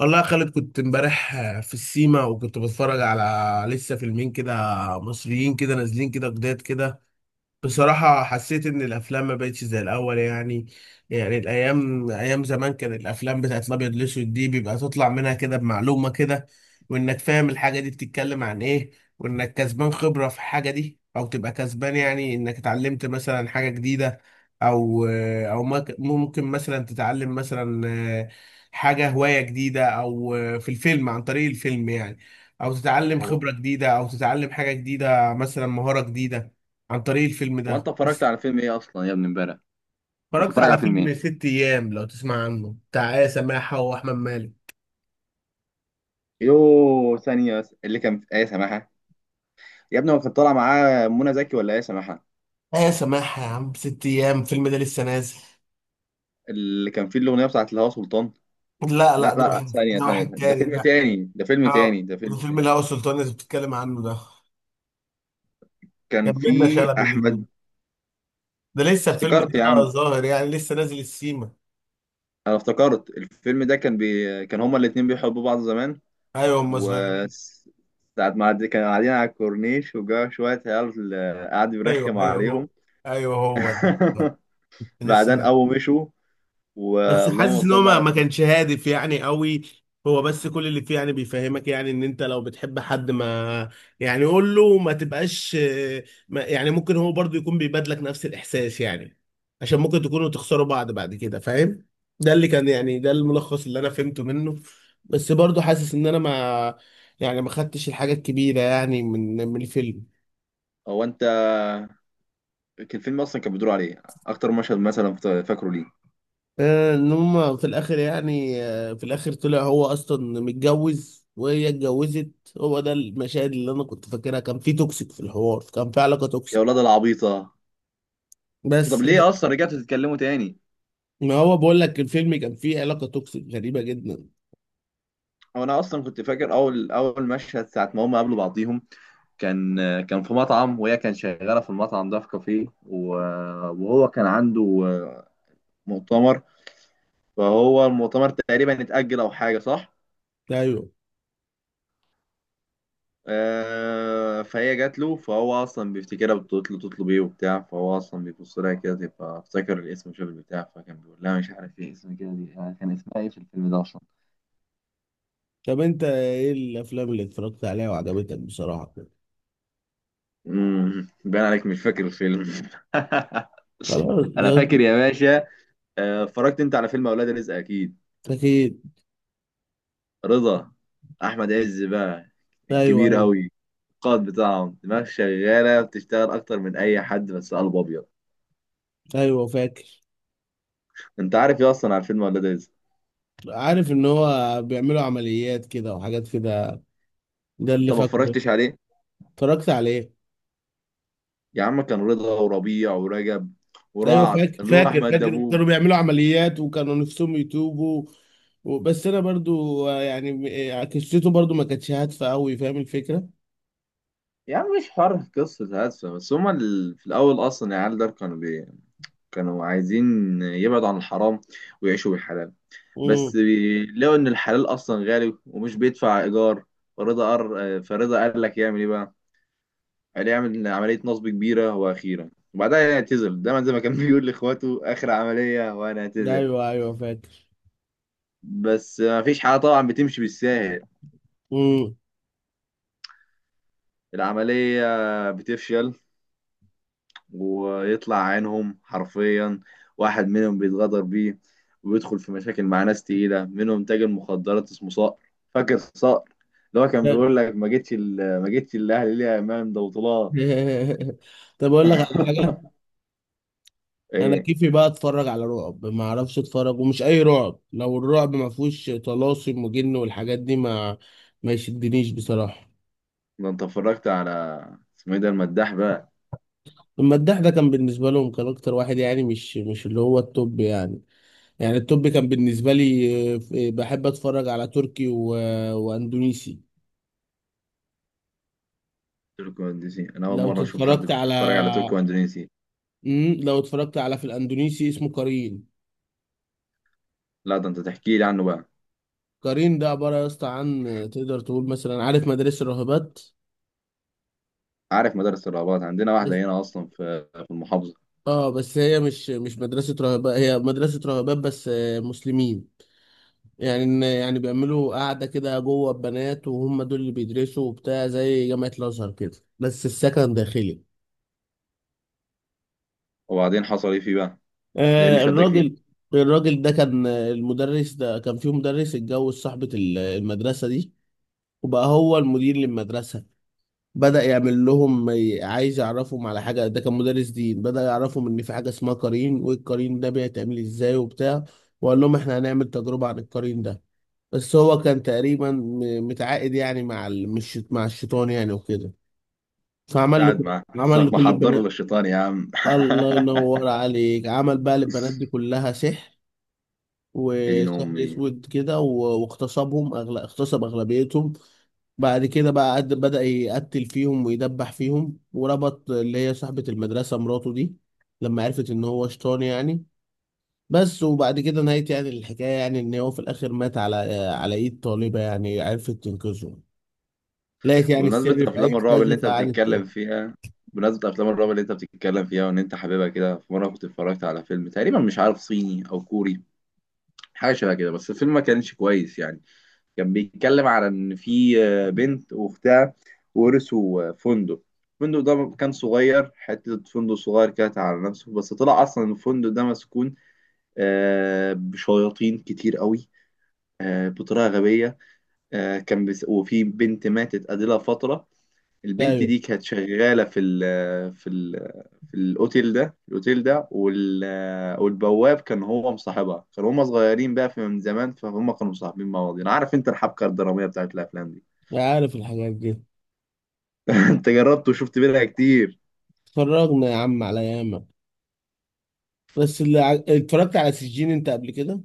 والله يا خالد، كنت امبارح في السيما وكنت بتفرج على لسه فيلمين كده، مصريين كده، نازلين كده، جداد كده. بصراحة حسيت إن الأفلام ما بقتش زي الأول يعني. يعني الأيام أيام زمان كان الأفلام بتاعت الأبيض والأسود دي بيبقى تطلع منها كده بمعلومة كده، وإنك فاهم الحاجة دي بتتكلم عن إيه، وإنك كسبان خبرة في الحاجة دي أو تبقى كسبان، يعني إنك اتعلمت مثلا حاجة جديدة أو أو ممكن مثلا تتعلم مثلا حاجة هواية جديدة أو في الفيلم عن طريق الفيلم يعني. أو تتعلم هو خبرة جديدة أو تتعلم حاجة جديدة مثلا مهارة جديدة عن طريق الفيلم هو انت ده. اتفرجت على فيلم ايه اصلا يا ابني امبارح؟ كنت اتفرجت بتتفرج على على فيلم ايه؟ فيلم ست ايام، لو تسمع عنه، بتاع آية سماحة واحمد مالك. يو ثانيه بس، اللي كان في ايه سماحه؟ يا ابني هو كان طالع معاه منى زكي ولا ايه سماحه، آية سماحة يا عم، ست ايام الفيلم ده لسه نازل. اللي كان فيه الاغنيه بتاعت الهوا سلطان؟ لا، لا، لا لا، ثانيه ده ثانيه واحد ثانية. ده تاني فيلم ده. تاني، ده فيلم تاني، اه، ده ده فيلم فيلم تاني. الهوى سلطان اللي بتتكلم عنه ده. كان كان بينا فيه شلبي الاتنين. احمد. ده لسه الفيلم افتكرت ده يا عم. ظاهر، يعني لسه نازل السيما. انا افتكرت الفيلم ده كان كان هما الاتنين بيحبوا بعض زمان. ايوه، هم و صغيرين. ساعة ما عد- كانوا قاعدين على الكورنيش وجا شوية عيال، قعد ايوه، يرخم ايوه، هو. عليهم. ايوه، هو ده بعدين لسه. أول مشوا. بس واللهم حاسس ان هو صل ما على ما سيدنا. كانش هادف يعني قوي. هو بس كل اللي فيه يعني بيفهمك يعني ان انت لو بتحب حد ما، يعني قول له ما تبقاش، ما يعني ممكن هو برضو يكون بيبادلك نفس الاحساس يعني. عشان ممكن تكونوا تخسروا بعض بعد كده، فاهم. ده اللي كان يعني، ده الملخص اللي انا فهمته منه. بس برضو حاسس ان انا ما يعني ما خدتش الحاجة الكبيرة يعني من الفيلم. هو انت. كان الفيلم اصلا كان بيدور عليه اكتر مشهد مثلا فاكره ليه؟ ان هم في الاخر يعني في الاخر طلع هو اصلا متجوز وهي اتجوزت. هو ده المشاهد اللي انا كنت فاكرها، كان في توكسيك في الحوار، كان في علاقة يا توكسيك. اولاد العبيطه، طب بس ليه اصلا رجعتوا تتكلموا تاني؟ ما هو بقول لك، الفيلم كان فيه علاقة توكسيك غريبة جدا. هو انا اصلا كنت فاكر اول اول مشهد ساعه ما هم قابلوا بعضيهم. كان كان في مطعم، وهي كان شغاله في المطعم ده، في كافيه، وهو كان عنده مؤتمر، فهو المؤتمر تقريبا اتاجل او حاجه، صح؟ ايوه. فهي جات له، فهو اصلا بيفتكرها بتطلب ايه وبتاع، فهو اصلا بيبص لها كده تبقى افتكر الاسم وشاف البتاع، فكان بيقول لها مش عارف ايه اسم كده دي. كان اسمها ايه في الفيلم ده اصلا؟ طب انت ايه الافلام اللي اتفرجت عليها وعجبتك بصراحة كده؟ باين عليك مش فاكر الفيلم. خلاص انا يا- فاكر يا باشا. اتفرجت انت على فيلم اولاد رزق اكيد؟ اكيد. رضا، احمد عز بقى، ايوه، الكبير ايوه، قوي، القائد بتاعهم، دماغ شغاله بتشتغل اكتر من اي حد، بس قلب ابيض. ايوه، فاكر. انت عارف ايه اصلا على فيلم اولاد رزق؟ عارف ان هو بيعملوا عمليات كده وحاجات كده، ده انت اللي ما فاكره. اتفرجتش عليه؟ اتفرجت عليه. يا عم كان رضا وربيع ورجب ايوه، ورعد، فاكر، اللي هو فاكر، احمد فاكر، كانوا دبوب. بيعملوا عمليات وكانوا نفسهم يتوبوا. بس انا برضو يعني قصته برضو ما كانتش هادفه قوي، فاهم الفكره. يا عم مش حوار قصة هادفة، بس هما في الأول أصلا العيال دول كانوا كانوا عايزين يبعدوا عن الحرام ويعيشوا بالحلال. امم. بس لقوا إن الحلال أصلا غالي ومش بيدفع إيجار. فرضا قال لك يعمل إيه بقى؟ قال يعمل عملية نصب كبيرة وأخيرة، وبعدها يعتزل، دايما زي ما كان بيقول لإخواته، آخر عملية وأنا أعتزل. ايوه، ايوه، فاكر. بس مفيش حاجة طبعا بتمشي بالساهل. امم. العملية بتفشل ويطلع عينهم حرفيا. واحد منهم بيتغدر بيه، وبيدخل في مشاكل مع ناس تقيلة، منهم تاجر مخدرات اسمه صقر. فاكر صقر؟ اللي هو كان فاكر. بيقول لك، ما جيتش الاهلي ليه يا امام، ده بطولات. طب، اقول لك على حاجه. انا ايه. كيفي بقى اتفرج على رعب، ما اعرفش اتفرج، ومش اي رعب، لو الرعب ما فيهوش طلاسم وجن والحاجات دي ما يشدنيش بصراحه. ده انت اتفرجت على اسمه ايه ده، المداح بقى؟ المداح ده كان بالنسبه لهم كان اكتر واحد، يعني مش اللي هو التوب يعني. يعني التوب كان بالنسبة لي، بحب اتفرج على تركي واندونيسي. تركو اندونيسي، انا اول لو مره اشوف حد اتفرجت على بيتفرج على تركو اندونيسي. لو اتفرجت على، في الاندونيسي اسمه قرين. لا، ده انت تحكي لي عنه بقى. قرين ده عبارة يا اسطى عن، تقدر تقول مثلا، عارف مدارس الراهبات. عارف مدارس الرهبات، عندنا واحده بس. هنا اصلا في المحافظه. اه، بس هي مش مدرسة راهبات، هي مدرسة راهبات بس مسلمين. يعني يعني بيعملوا قاعدة كده جوه البنات، وهم دول اللي بيدرسوا وبتاع، زي جامعة الأزهر كده بس السكن داخلي. وبعدين حصل ايه فيه بقى؟ ده ايه اللي آه، شدك فيه؟ الراجل الراجل ده كان المدرس ده، كان فيه مدرس اتجوز صاحبة المدرسة دي، وبقى هو المدير للمدرسة. بدأ يعمل لهم عايز يعرفهم على حاجة، ده كان مدرس دين، بدأ يعرفهم إن في حاجة اسمها قرين، والقرين ده بيتعمل إزاي وبتاع. وقال لهم إحنا هنعمل تجربة عن القرين ده. بس هو كان تقريبا متعاقد يعني مع مش مع الشيطان يعني وكده. فعمل له قاعد معاه عمل حسنك لكل محضر البنات. للشيطان يا عم. الله ينور عليك، عمل بقى للبنات دي كلها سحر، يا دين وسحر امي. اسود كده. واغتصبهم اغتصب اغلبيتهم. بعد كده بقى بدأ يقتل فيهم ويدبح فيهم، وربط اللي هي صاحبة المدرسة مراته دي، لما عرفت ان هو شيطان يعني. بس وبعد كده نهاية يعني الحكاية، يعني ان هو في الاخر مات على ايد طالبة، يعني عرفت تنقذه. لقيت يعني بمناسبة السر في اية افلام الرعب كذا اللي انت فقعدت. بتتكلم فيها، بمناسبة افلام الرعب اللي انت بتتكلم فيها وان انت حاببها كده، في مرة كنت اتفرجت على فيلم تقريبا مش عارف صيني او كوري، حاجة شبه كده، بس الفيلم ما كانش كويس يعني. كان بيتكلم على ان في بنت واختها ورثوا فندق. الفندق ده كان صغير، حتة فندق صغير كانت على نفسه، بس طلع أصلا الفندق ده مسكون، بشياطين كتير قوي، بطريقة غبية. وفي بنت ماتت قبلها فترة. البنت ايوه، دي كانت شغالة في ال في الأوتيل ده، الأوتيل ده والبواب كان هو مصاحبها، كانوا هما صغيرين بقى في من زمان، فهم كانوا مصاحبين مع بعض. أنا عارف أنت الحبكة الدرامية بتاعت الأفلام دي. عارف الحاجات دي. أنت جربت وشفت منها كتير. اتفرجنا يا عم على ياما. بس اللي اتفرجت على سجين انت قبل كده؟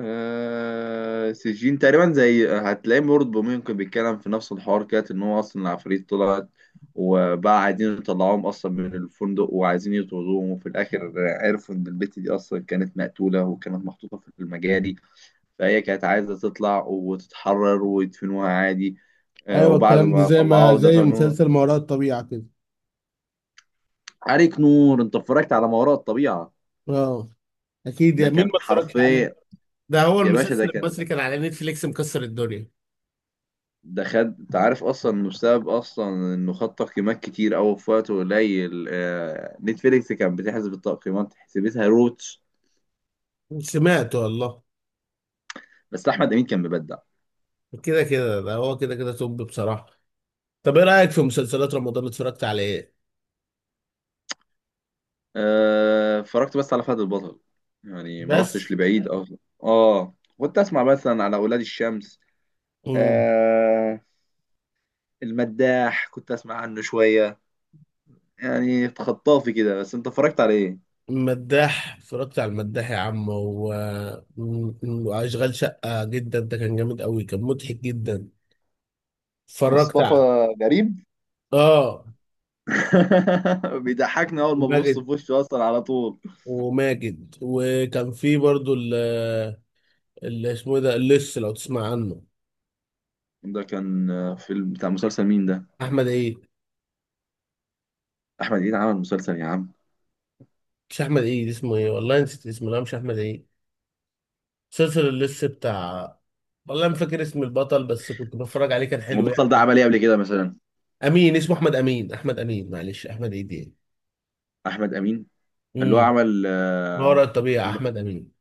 آه، سجين تقريبا زي هتلاقيه برضه، ممكن بيتكلم في نفس الحوار كده، ان هو اصلا العفاريت طلعت وبقى عايزين يطلعوهم اصلا من الفندق وعايزين يطردوهم. وفي الاخر عرفوا ان البت دي اصلا كانت مقتولة وكانت محطوطة في المجاري، فهي كانت عايزة تطلع وتتحرر ويدفنوها عادي، ايوه، وبعد الكلام ده ما طلعوها زي ودفنوها. مسلسل ما وراء الطبيعه كده. عليك نور، انت اتفرجت على ما وراء الطبيعة؟ اه، اكيد، ده يا مين كان ما اتفرجش عليه. حرفيا. ده هو يا باشا ده المسلسل كان، المصري، كان على نتفليكس مكسر الدنيا. ده خد، انت عارف اصلا انه بسبب اصلا انه خد تقييمات كتير قوي في وقت قليل. نتفليكس كانت بتحسب التقييمات حسبتها روتش. سمعته والله. بس احمد امين كان مبدع. كده كده ده هو، كده كده توب بصراحه. طب، ايه رايك في مسلسلات رمضان اللي اتفرجت على ايه؟ آه، اتفرجت بس على فهد البطل، يعني ما رحتش بس. لبعيد اصلا. اه كنت اسمع مثلا على اولاد الشمس. مم. آه... المداح كنت اسمع عنه شويه، يعني خطافي كده. بس انت اتفرجت على ايه؟ المداح، اتفرجت على المداح يا عم. مم. واشغال شقه جدا، ده كان جامد قوي، كان مضحك جدا. اتفرجت مصطفى على. غريب. اه. بيضحكني اول ما ببص ماجد في وشه اصلا على طول. وماجد وكان في برضو. اللي اسمه ايه ده، اللص، لو تسمع عنه. ده كان فيلم بتاع مسلسل مين ده؟ احمد عيد. احمد امين عمل مسلسل يا عم. مش احمد عيد، اسمه ايه، والله نسيت اسمه، لا مش احمد عيد. مسلسل اللص بتاع. والله ما فاكر اسم البطل، بس كنت بتفرج عليه كان حلو والبطل ده يعني. عمل ايه قبل كده مثلا؟ امين، اسمه احمد امين، احمد امين، معلش احمد عيد يعني. احمد امين، اللي هو امم. عمل. ما وراء الطبيعة، اللي- احمد امين.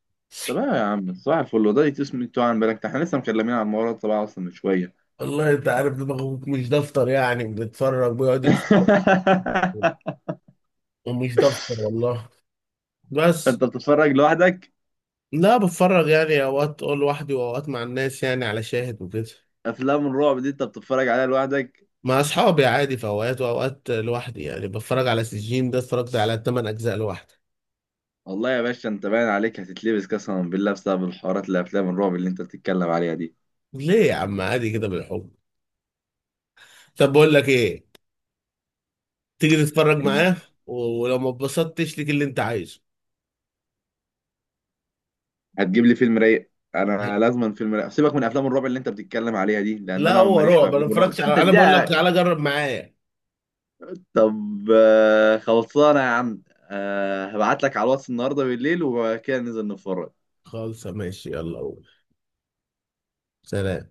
طب إيه يا عم صباح الفل، هو ده اسمه، انتوا عن بالك احنا لسه مكلمين عن الموضوع ده طبعا اصلا من شويه. والله انت عارف دماغه مش دفتر يعني، بيتفرج بيقعد يتفرج، ومش دفتر والله. بس. انت بتتفرج لوحدك؟ لا، بتفرج يعني اوقات لوحدي، واوقات مع الناس يعني على شاهد وكده. افلام الرعب دي انت بتتفرج عليها لوحدك؟ مع اصحابي عادي في اوقات، واوقات لوحدي، يعني بتفرج على سجين ده، اتفرجت على 8 اجزاء لوحدي. والله يا باشا انت باين عليك هتتلبس قسما بالله بسبب الحوارات اللي افلام الرعب اللي انت بتتكلم عليها ليه يا عم؟ عادي كده بالحب. طب، بقول لك ايه، تيجي تتفرج دي. معاه. ولو ما اتبسطتش ليك اللي انت عايزه. هتجيب لي فيلم رايق، انا لازما فيلم رايق، سيبك من افلام الرعب اللي انت بتتكلم عليها دي، لان لا، انا هو ماليش في رعب، انا ما افلام الرعب اتفرجش انت على، انا بقول لك اديها. تعالى جرب معايا. طب خلصانه يا عم. هبعت لك على الواتس النهارده بالليل وكده ننزل نتفرج. خالص، ماشي، يلا قول. سلام.